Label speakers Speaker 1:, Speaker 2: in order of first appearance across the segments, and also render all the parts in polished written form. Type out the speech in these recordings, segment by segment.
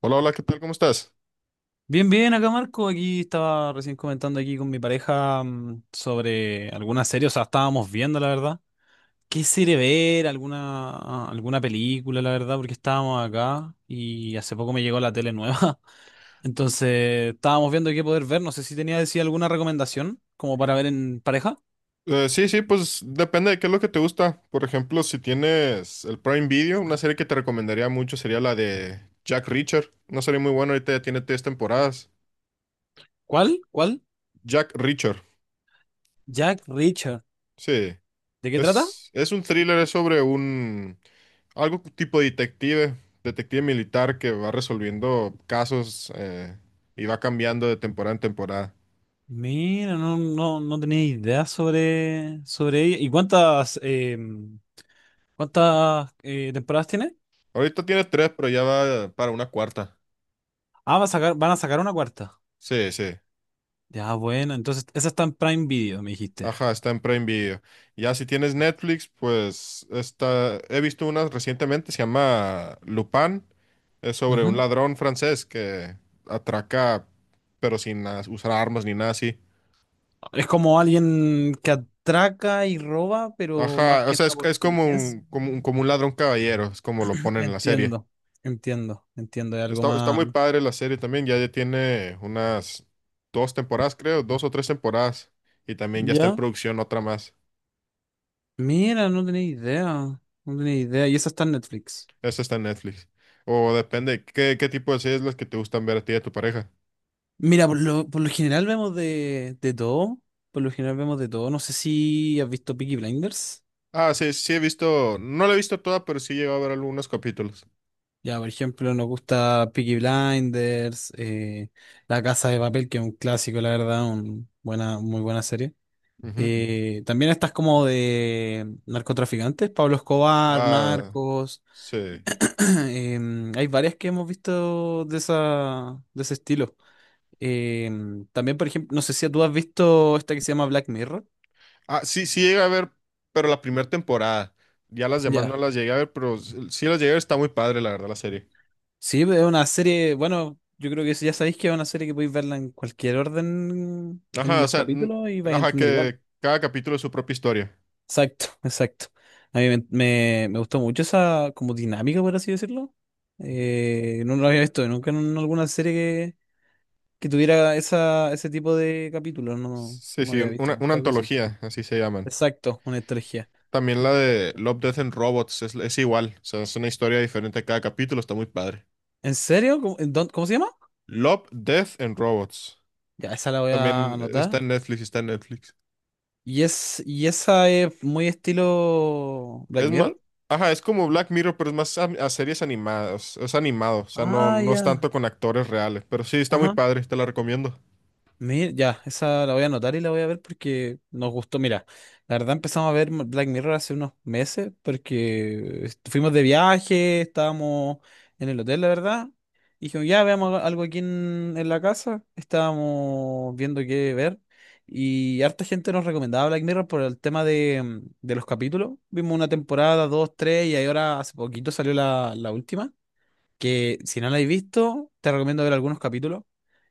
Speaker 1: Hola, hola, ¿qué tal? ¿Cómo estás?
Speaker 2: Bien, bien, acá Marco, aquí estaba recién comentando aquí con mi pareja sobre algunas series, o sea, estábamos viendo, la verdad. ¿Qué serie ver? ¿Alguna película, la verdad? Porque estábamos acá y hace poco me llegó la tele nueva. Entonces, estábamos viendo qué poder ver. No sé si tenía decir alguna recomendación como para ver en pareja.
Speaker 1: Sí, sí, pues depende de qué es lo que te gusta. Por ejemplo, si tienes el Prime Video, una serie que te recomendaría mucho sería la de Jack Reacher. Una serie muy buena, ahorita ya tiene tres temporadas.
Speaker 2: ¿Cuál? ¿Cuál?
Speaker 1: Jack Reacher,
Speaker 2: Jack Reacher.
Speaker 1: sí.
Speaker 2: ¿De qué trata?
Speaker 1: Es un thriller, es sobre un... algo tipo detective, detective militar que va resolviendo casos y va cambiando de temporada en temporada.
Speaker 2: Mira, no, no, no tenía idea sobre ella. ¿Y cuántas temporadas tiene?
Speaker 1: Ahorita tiene tres, pero ya va para una cuarta.
Speaker 2: Ah, van a sacar una cuarta.
Speaker 1: Sí, sí.
Speaker 2: Ya, bueno, entonces esa está en Prime Video, me dijiste.
Speaker 1: Ajá, está en Prime Video. Ya si tienes Netflix, pues he visto una recientemente, se llama Lupin. Es sobre un
Speaker 2: Ujú.
Speaker 1: ladrón francés que atraca, pero sin usar armas ni nada así.
Speaker 2: Es como alguien que atraca y roba, pero más
Speaker 1: Ajá, o
Speaker 2: que
Speaker 1: sea,
Speaker 2: nada
Speaker 1: es,
Speaker 2: por
Speaker 1: es como
Speaker 2: inteligencia.
Speaker 1: un, como un, como un ladrón caballero, es como lo ponen en la serie.
Speaker 2: Entiendo, entiendo, entiendo. Hay algo
Speaker 1: Está
Speaker 2: más.
Speaker 1: muy padre la serie también, ya tiene unas dos temporadas, creo, dos o tres temporadas. Y también ya está en
Speaker 2: ¿Ya?
Speaker 1: producción otra más.
Speaker 2: Mira, no tenía idea. No tenía idea. Y esa está en Netflix.
Speaker 1: Esa está en Netflix. O depende, ¿qué tipo de series las que te gustan ver a ti y a tu pareja?
Speaker 2: Mira, por lo general vemos de todo. Por lo general vemos de todo. No sé si has visto Peaky Blinders.
Speaker 1: Ah, sí, sí he visto, no la he visto toda, pero sí he llegado a ver algunos capítulos.
Speaker 2: Ya, por ejemplo, nos gusta Peaky Blinders, La Casa de Papel, que es un clásico, la verdad, muy buena serie.
Speaker 1: Ujú.
Speaker 2: También estas como de narcotraficantes, Pablo Escobar,
Speaker 1: Ah,
Speaker 2: Narcos.
Speaker 1: sí.
Speaker 2: Hay varias que hemos visto de esa, de ese estilo. También, por ejemplo, no sé si tú has visto esta que se llama Black Mirror.
Speaker 1: Ah, sí, sí llegué a ver, pero la primera temporada. Ya las demás no
Speaker 2: Ya.
Speaker 1: las llegué a ver, pero sí las llegué a ver, está muy padre, la verdad, la serie.
Speaker 2: Sí, es una serie, bueno, yo creo que ya sabéis que es una serie que podéis verla en cualquier orden en
Speaker 1: Ajá, o
Speaker 2: los
Speaker 1: sea,
Speaker 2: capítulos y vais a
Speaker 1: ajá,
Speaker 2: entender igual.
Speaker 1: que cada capítulo es su propia historia.
Speaker 2: Exacto, exacto. A mí me gustó mucho esa como dinámica, por así decirlo. No lo había visto nunca en alguna serie que tuviera ese tipo de capítulos. No,
Speaker 1: Sí,
Speaker 2: no
Speaker 1: sí,
Speaker 2: había visto
Speaker 1: una
Speaker 2: nunca algo así.
Speaker 1: antología, así se llaman.
Speaker 2: Exacto, una estrategia.
Speaker 1: También la
Speaker 2: Nunca había
Speaker 1: de
Speaker 2: visto.
Speaker 1: Love, Death and Robots es igual, o sea, es una historia diferente a cada capítulo, está muy padre.
Speaker 2: ¿En serio? ¿Cómo, en cómo se llama?
Speaker 1: Love, Death and Robots.
Speaker 2: Ya, esa la voy a
Speaker 1: También
Speaker 2: anotar.
Speaker 1: está en Netflix, está en Netflix.
Speaker 2: Y esa es muy estilo Black
Speaker 1: Es más,
Speaker 2: Mirror.
Speaker 1: ajá, es como Black Mirror, pero es más a series animadas, es animado, o sea, no,
Speaker 2: Ah,
Speaker 1: no es tanto
Speaker 2: ya.
Speaker 1: con actores reales, pero sí, está muy
Speaker 2: Ajá.
Speaker 1: padre, te la recomiendo.
Speaker 2: Ya, esa la voy a anotar y la voy a ver porque nos gustó. Mira, la verdad empezamos a ver Black Mirror hace unos meses porque fuimos de viaje, estábamos en el hotel, la verdad. Y dijimos, ya veamos algo aquí en la casa. Estábamos viendo qué ver. Y harta gente nos recomendaba Black Mirror por el tema de los capítulos. Vimos una temporada, dos, tres, y ahí ahora hace poquito salió la última. Que si no la habéis visto, te recomiendo ver algunos capítulos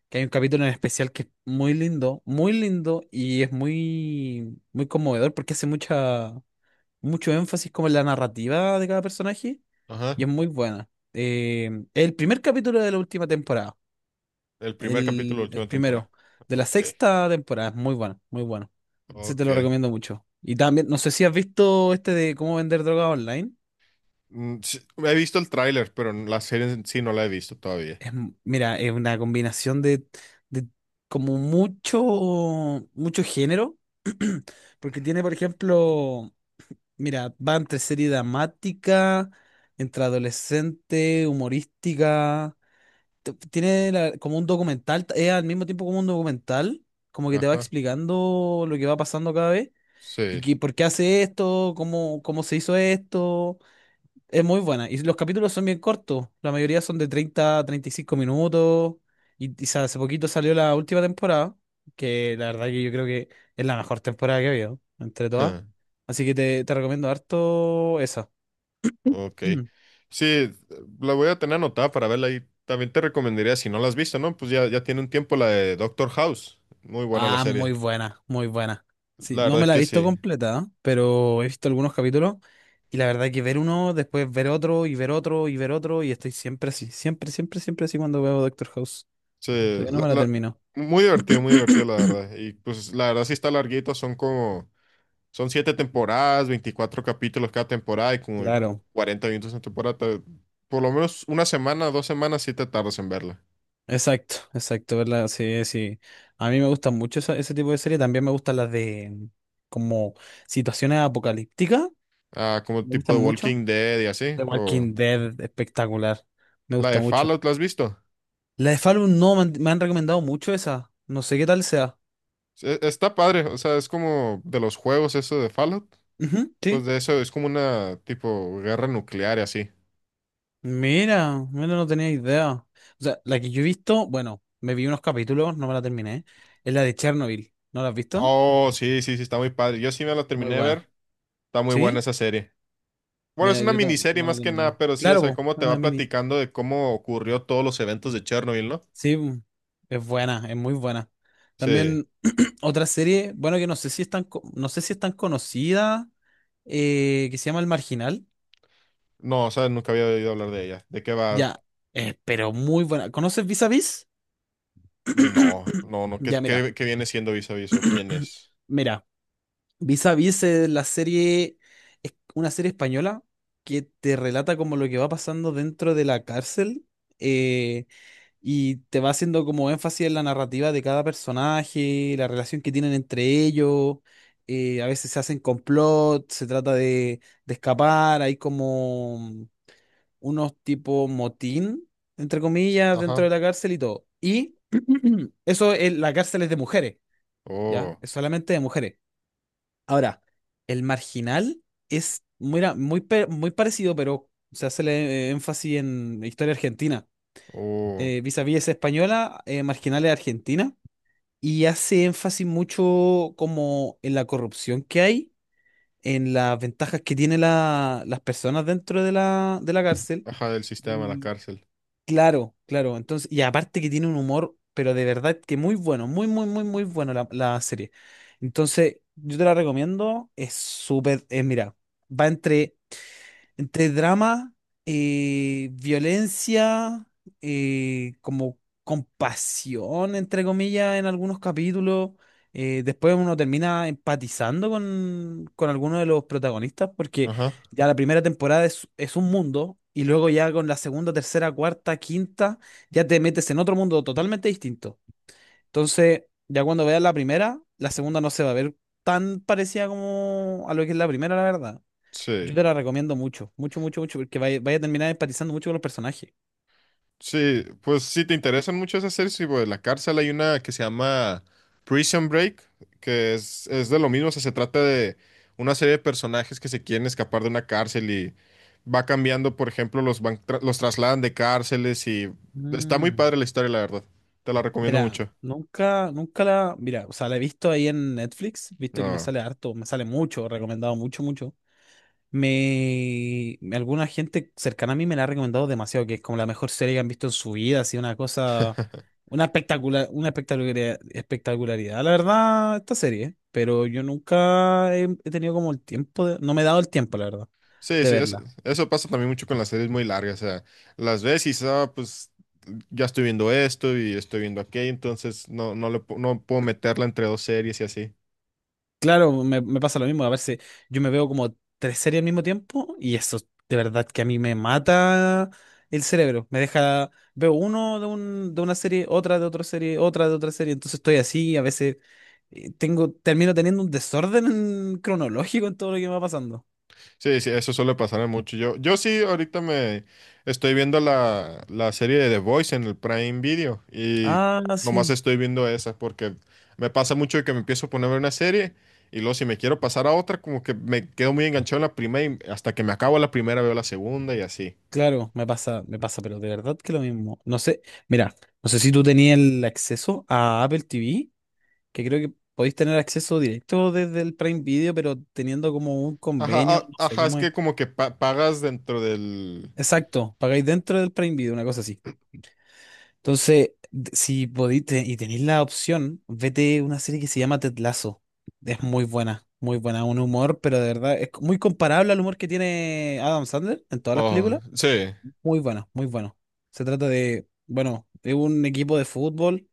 Speaker 2: que hay un capítulo en especial que es muy lindo y es muy, muy conmovedor porque hace mucho énfasis como en la narrativa de cada personaje
Speaker 1: Ajá,
Speaker 2: y es muy buena. El primer capítulo de la última temporada,
Speaker 1: el primer capítulo de la
Speaker 2: el
Speaker 1: última temporada.
Speaker 2: primero de la
Speaker 1: Ok,
Speaker 2: sexta temporada, es muy bueno, muy bueno. Ese te lo
Speaker 1: ok.
Speaker 2: recomiendo mucho. Y también, no sé si has visto este de cómo vender droga online.
Speaker 1: Sí, he visto el tráiler, pero la serie en sí no la he visto todavía.
Speaker 2: Es mira, es una combinación de como mucho, mucho género, porque tiene, por ejemplo, mira, va entre serie dramática, entre adolescente, humorística, tiene como un documental, es al mismo tiempo como un documental, como que te va
Speaker 1: Ajá,
Speaker 2: explicando lo que va pasando cada vez, y
Speaker 1: sí.
Speaker 2: que por qué hace esto, cómo se hizo esto. Es muy buena. Y los capítulos son bien cortos. La mayoría son de treinta y cinco minutos. Y hace poquito salió la última temporada, que la verdad que yo creo que es la mejor temporada que he habido, entre todas. Así que te recomiendo harto esa.
Speaker 1: Ok. Sí, la voy a tener anotada para verla y también te recomendaría, si no la has visto, ¿no? Pues ya tiene un tiempo la de Doctor House. Muy buena la
Speaker 2: Ah, muy
Speaker 1: serie.
Speaker 2: buena, muy buena. Sí,
Speaker 1: La
Speaker 2: no
Speaker 1: verdad
Speaker 2: me
Speaker 1: es
Speaker 2: la he
Speaker 1: que
Speaker 2: visto
Speaker 1: sí.
Speaker 2: completa, ¿eh?, pero he visto algunos capítulos. Y la verdad que ver uno, después ver otro, y ver otro, y ver otro. Y estoy siempre así, siempre, siempre, siempre así cuando veo Doctor House.
Speaker 1: Sí,
Speaker 2: Todavía no me la termino.
Speaker 1: muy divertido, la verdad. Y pues la verdad sí está larguito, son siete temporadas, 24 capítulos cada temporada y como
Speaker 2: Claro.
Speaker 1: 40 minutos en temporada. Por lo menos una semana, 2 semanas sí te tardas en verla.
Speaker 2: Exacto, exacto, ¿verdad? Sí, sí. A mí me gustan mucho ese tipo de series. También me gustan las de como situaciones apocalípticas.
Speaker 1: Ah, como
Speaker 2: Me
Speaker 1: tipo
Speaker 2: gustan
Speaker 1: de
Speaker 2: mucho.
Speaker 1: Walking Dead y así.
Speaker 2: The
Speaker 1: O
Speaker 2: Walking Dead, espectacular. Me
Speaker 1: la de
Speaker 2: gusta mucho.
Speaker 1: Fallout, ¿la has visto?
Speaker 2: La de Fallout no, me han recomendado mucho esa. No sé qué tal sea.
Speaker 1: Sí, está padre, o sea, es como de los juegos eso de Fallout,
Speaker 2: Ujú,
Speaker 1: pues
Speaker 2: sí.
Speaker 1: de eso es como una tipo guerra nuclear y así.
Speaker 2: Mira, mira, no tenía idea. O sea, la que yo he visto, bueno, me vi unos capítulos, no me la terminé. Es la de Chernobyl. ¿No la has visto?
Speaker 1: Oh, sí, sí, sí, está muy padre. Yo sí me la
Speaker 2: Muy
Speaker 1: terminé de
Speaker 2: buena.
Speaker 1: ver, está muy buena
Speaker 2: ¿Sí?
Speaker 1: esa serie. Bueno, es
Speaker 2: Mira,
Speaker 1: una
Speaker 2: yo
Speaker 1: miniserie
Speaker 2: no la he
Speaker 1: más que nada,
Speaker 2: terminado.
Speaker 1: pero sí, o
Speaker 2: Claro, po,
Speaker 1: sea, cómo
Speaker 2: es
Speaker 1: te
Speaker 2: una
Speaker 1: va
Speaker 2: mini.
Speaker 1: platicando de cómo ocurrió todos los eventos de Chernobyl, ¿no?
Speaker 2: Sí, es buena, es muy buena.
Speaker 1: Sí.
Speaker 2: También otra serie, bueno, que no sé si es tan conocida, que se llama El Marginal.
Speaker 1: No, o sea, nunca había oído hablar de ella. ¿De qué va?
Speaker 2: Ya, pero muy buena. ¿Conoces Vis a Vis?
Speaker 1: No, no, no, ¿qué,
Speaker 2: Ya, mira,
Speaker 1: qué, qué viene siendo Vis a Vis o quién es?
Speaker 2: mira. Vis a Vis es una serie española que te relata como lo que va pasando dentro de la cárcel. eh, Y te va haciendo como énfasis en la narrativa de cada personaje, la relación que tienen entre ellos. A veces se hacen complot, se trata de escapar, hay como unos tipo motín, entre comillas, dentro
Speaker 1: Ajá.
Speaker 2: de la cárcel y todo. Y eso, la cárcel es de mujeres, ¿ya?
Speaker 1: Oh,
Speaker 2: Es solamente de mujeres. Ahora, El Marginal es muy parecido, pero se hace el énfasis en historia argentina.
Speaker 1: oh,
Speaker 2: Vis a Vis es española, Marginal es argentina, y hace énfasis mucho como en la corrupción que hay, en las ventajas que tienen las personas dentro de la cárcel.
Speaker 1: ajá, del sistema, la
Speaker 2: Y
Speaker 1: cárcel.
Speaker 2: claro, claro, entonces, y aparte que tiene un humor, pero de verdad que muy bueno, muy, muy, muy, muy bueno la serie. Entonces, yo te la recomiendo, es súper, mira, va entre... Entre drama, violencia, como compasión, entre comillas, en algunos capítulos. Después uno termina empatizando con alguno de los protagonistas, porque
Speaker 1: Ajá.
Speaker 2: ya la primera temporada es un mundo, y luego ya con la segunda, tercera, cuarta, quinta, ya te metes en otro mundo totalmente distinto. Entonces, ya cuando veas la primera, la segunda no se va a ver tan parecida como a lo que es la primera, la verdad.
Speaker 1: Sí.
Speaker 2: Yo te la recomiendo mucho, mucho, mucho, mucho, porque vaya, vaya a terminar empatizando mucho con los personajes.
Speaker 1: Sí, pues si te interesan mucho esas series, tipo de la cárcel, hay una que se llama Prison Break, que es de lo mismo, o sea, se trata de una serie de personajes que se quieren escapar de una cárcel y va cambiando, por ejemplo, los trasladan de cárceles y está muy
Speaker 2: Mm,
Speaker 1: padre la historia, la verdad. Te la recomiendo
Speaker 2: Mira,
Speaker 1: mucho.
Speaker 2: nunca, nunca mira, o sea, la he visto ahí en Netflix, visto que me
Speaker 1: Ah.
Speaker 2: sale harto, me sale mucho, recomendado mucho, mucho. Alguna gente cercana a mí me la ha recomendado demasiado, que es como la mejor serie que han visto en su vida, así una cosa, una espectacular, una espectacularidad, espectacularidad, la verdad, esta serie, pero yo nunca he tenido como el tiempo, no me he dado el tiempo, la verdad,
Speaker 1: Sí,
Speaker 2: de
Speaker 1: sí,
Speaker 2: verla.
Speaker 1: eso pasa también mucho con las series muy largas, o sea, las ves y dices, "Ah, pues ya estoy viendo esto y estoy viendo aquello, entonces no puedo meterla entre dos series y así.
Speaker 2: Claro, me pasa lo mismo. A veces yo me veo como tres series al mismo tiempo y eso de verdad que a mí me mata el cerebro. Me deja, veo uno de una serie, otra de otra serie, otra de otra serie. Entonces estoy así, a veces termino teniendo un desorden cronológico en todo lo que me va pasando.
Speaker 1: Sí, sí, eso suele pasarme mucho. Yo sí, ahorita me estoy viendo la serie de The Voice en el Prime Video y
Speaker 2: Ah,
Speaker 1: nomás
Speaker 2: sí.
Speaker 1: estoy viendo esa porque me pasa mucho de que me empiezo a poner una serie y luego si me quiero pasar a otra, como que me quedo muy enganchado en la primera y hasta que me acabo la primera veo la segunda y así.
Speaker 2: Claro, me pasa, pero de verdad que lo mismo. No sé, mira, no sé si tú tenías el acceso a Apple TV, que creo que podéis tener acceso directo desde el Prime Video, pero teniendo como un
Speaker 1: Ajá,
Speaker 2: convenio, no sé
Speaker 1: ajá, es
Speaker 2: cómo es.
Speaker 1: que como que pagas dentro del...
Speaker 2: Exacto, pagáis dentro del Prime Video, una cosa así. Entonces, si podéis y tenéis la opción, vete una serie que se llama Ted Lasso. Es muy buena, un humor, pero de verdad es muy comparable al humor que tiene Adam Sandler en todas las
Speaker 1: Oh,
Speaker 2: películas.
Speaker 1: sí.
Speaker 2: Muy bueno, muy bueno. Se trata de, bueno, de un equipo de fútbol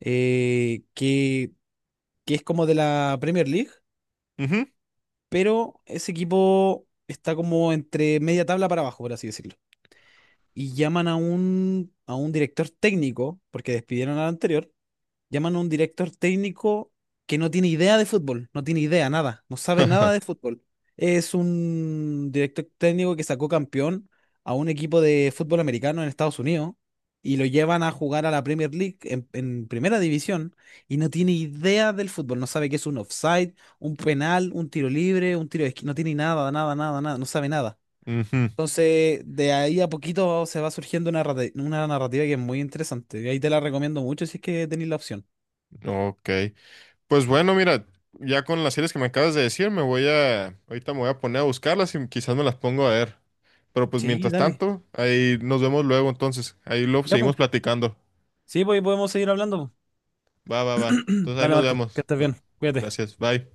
Speaker 2: eh, que, que es como de la Premier League,
Speaker 1: Ujú.
Speaker 2: pero ese equipo está como entre media tabla para abajo, por así decirlo. Y llaman a un director técnico, porque despidieron al anterior. Llaman a un director técnico que no tiene idea de fútbol, no tiene idea, nada, no sabe nada de fútbol. Es un director técnico que sacó campeón a un equipo de fútbol americano en Estados Unidos y lo llevan a jugar a la Premier League en primera división, y no tiene idea del fútbol, no sabe qué es un offside, un penal, un tiro libre, un tiro de esquina, no tiene nada, nada, nada, nada, no sabe nada.
Speaker 1: Ujú.
Speaker 2: Entonces, de ahí a poquito se va surgiendo una narrativa que es muy interesante. Y ahí te la recomiendo mucho si es que tenéis la opción.
Speaker 1: Ok. Pues bueno, mira, ya con las series que me acabas de decir, ahorita me voy a poner a buscarlas y quizás me las pongo a ver. Pero pues
Speaker 2: Sí,
Speaker 1: mientras
Speaker 2: dale.
Speaker 1: tanto, ahí nos vemos luego entonces. Ahí lo
Speaker 2: Ya, pues.
Speaker 1: seguimos platicando.
Speaker 2: Sí, pues y podemos seguir hablando, po.
Speaker 1: Va, va, va. Entonces ahí
Speaker 2: Dale,
Speaker 1: nos
Speaker 2: Marco, que
Speaker 1: vemos.
Speaker 2: estés
Speaker 1: No,
Speaker 2: bien. Cuídate.
Speaker 1: gracias, bye.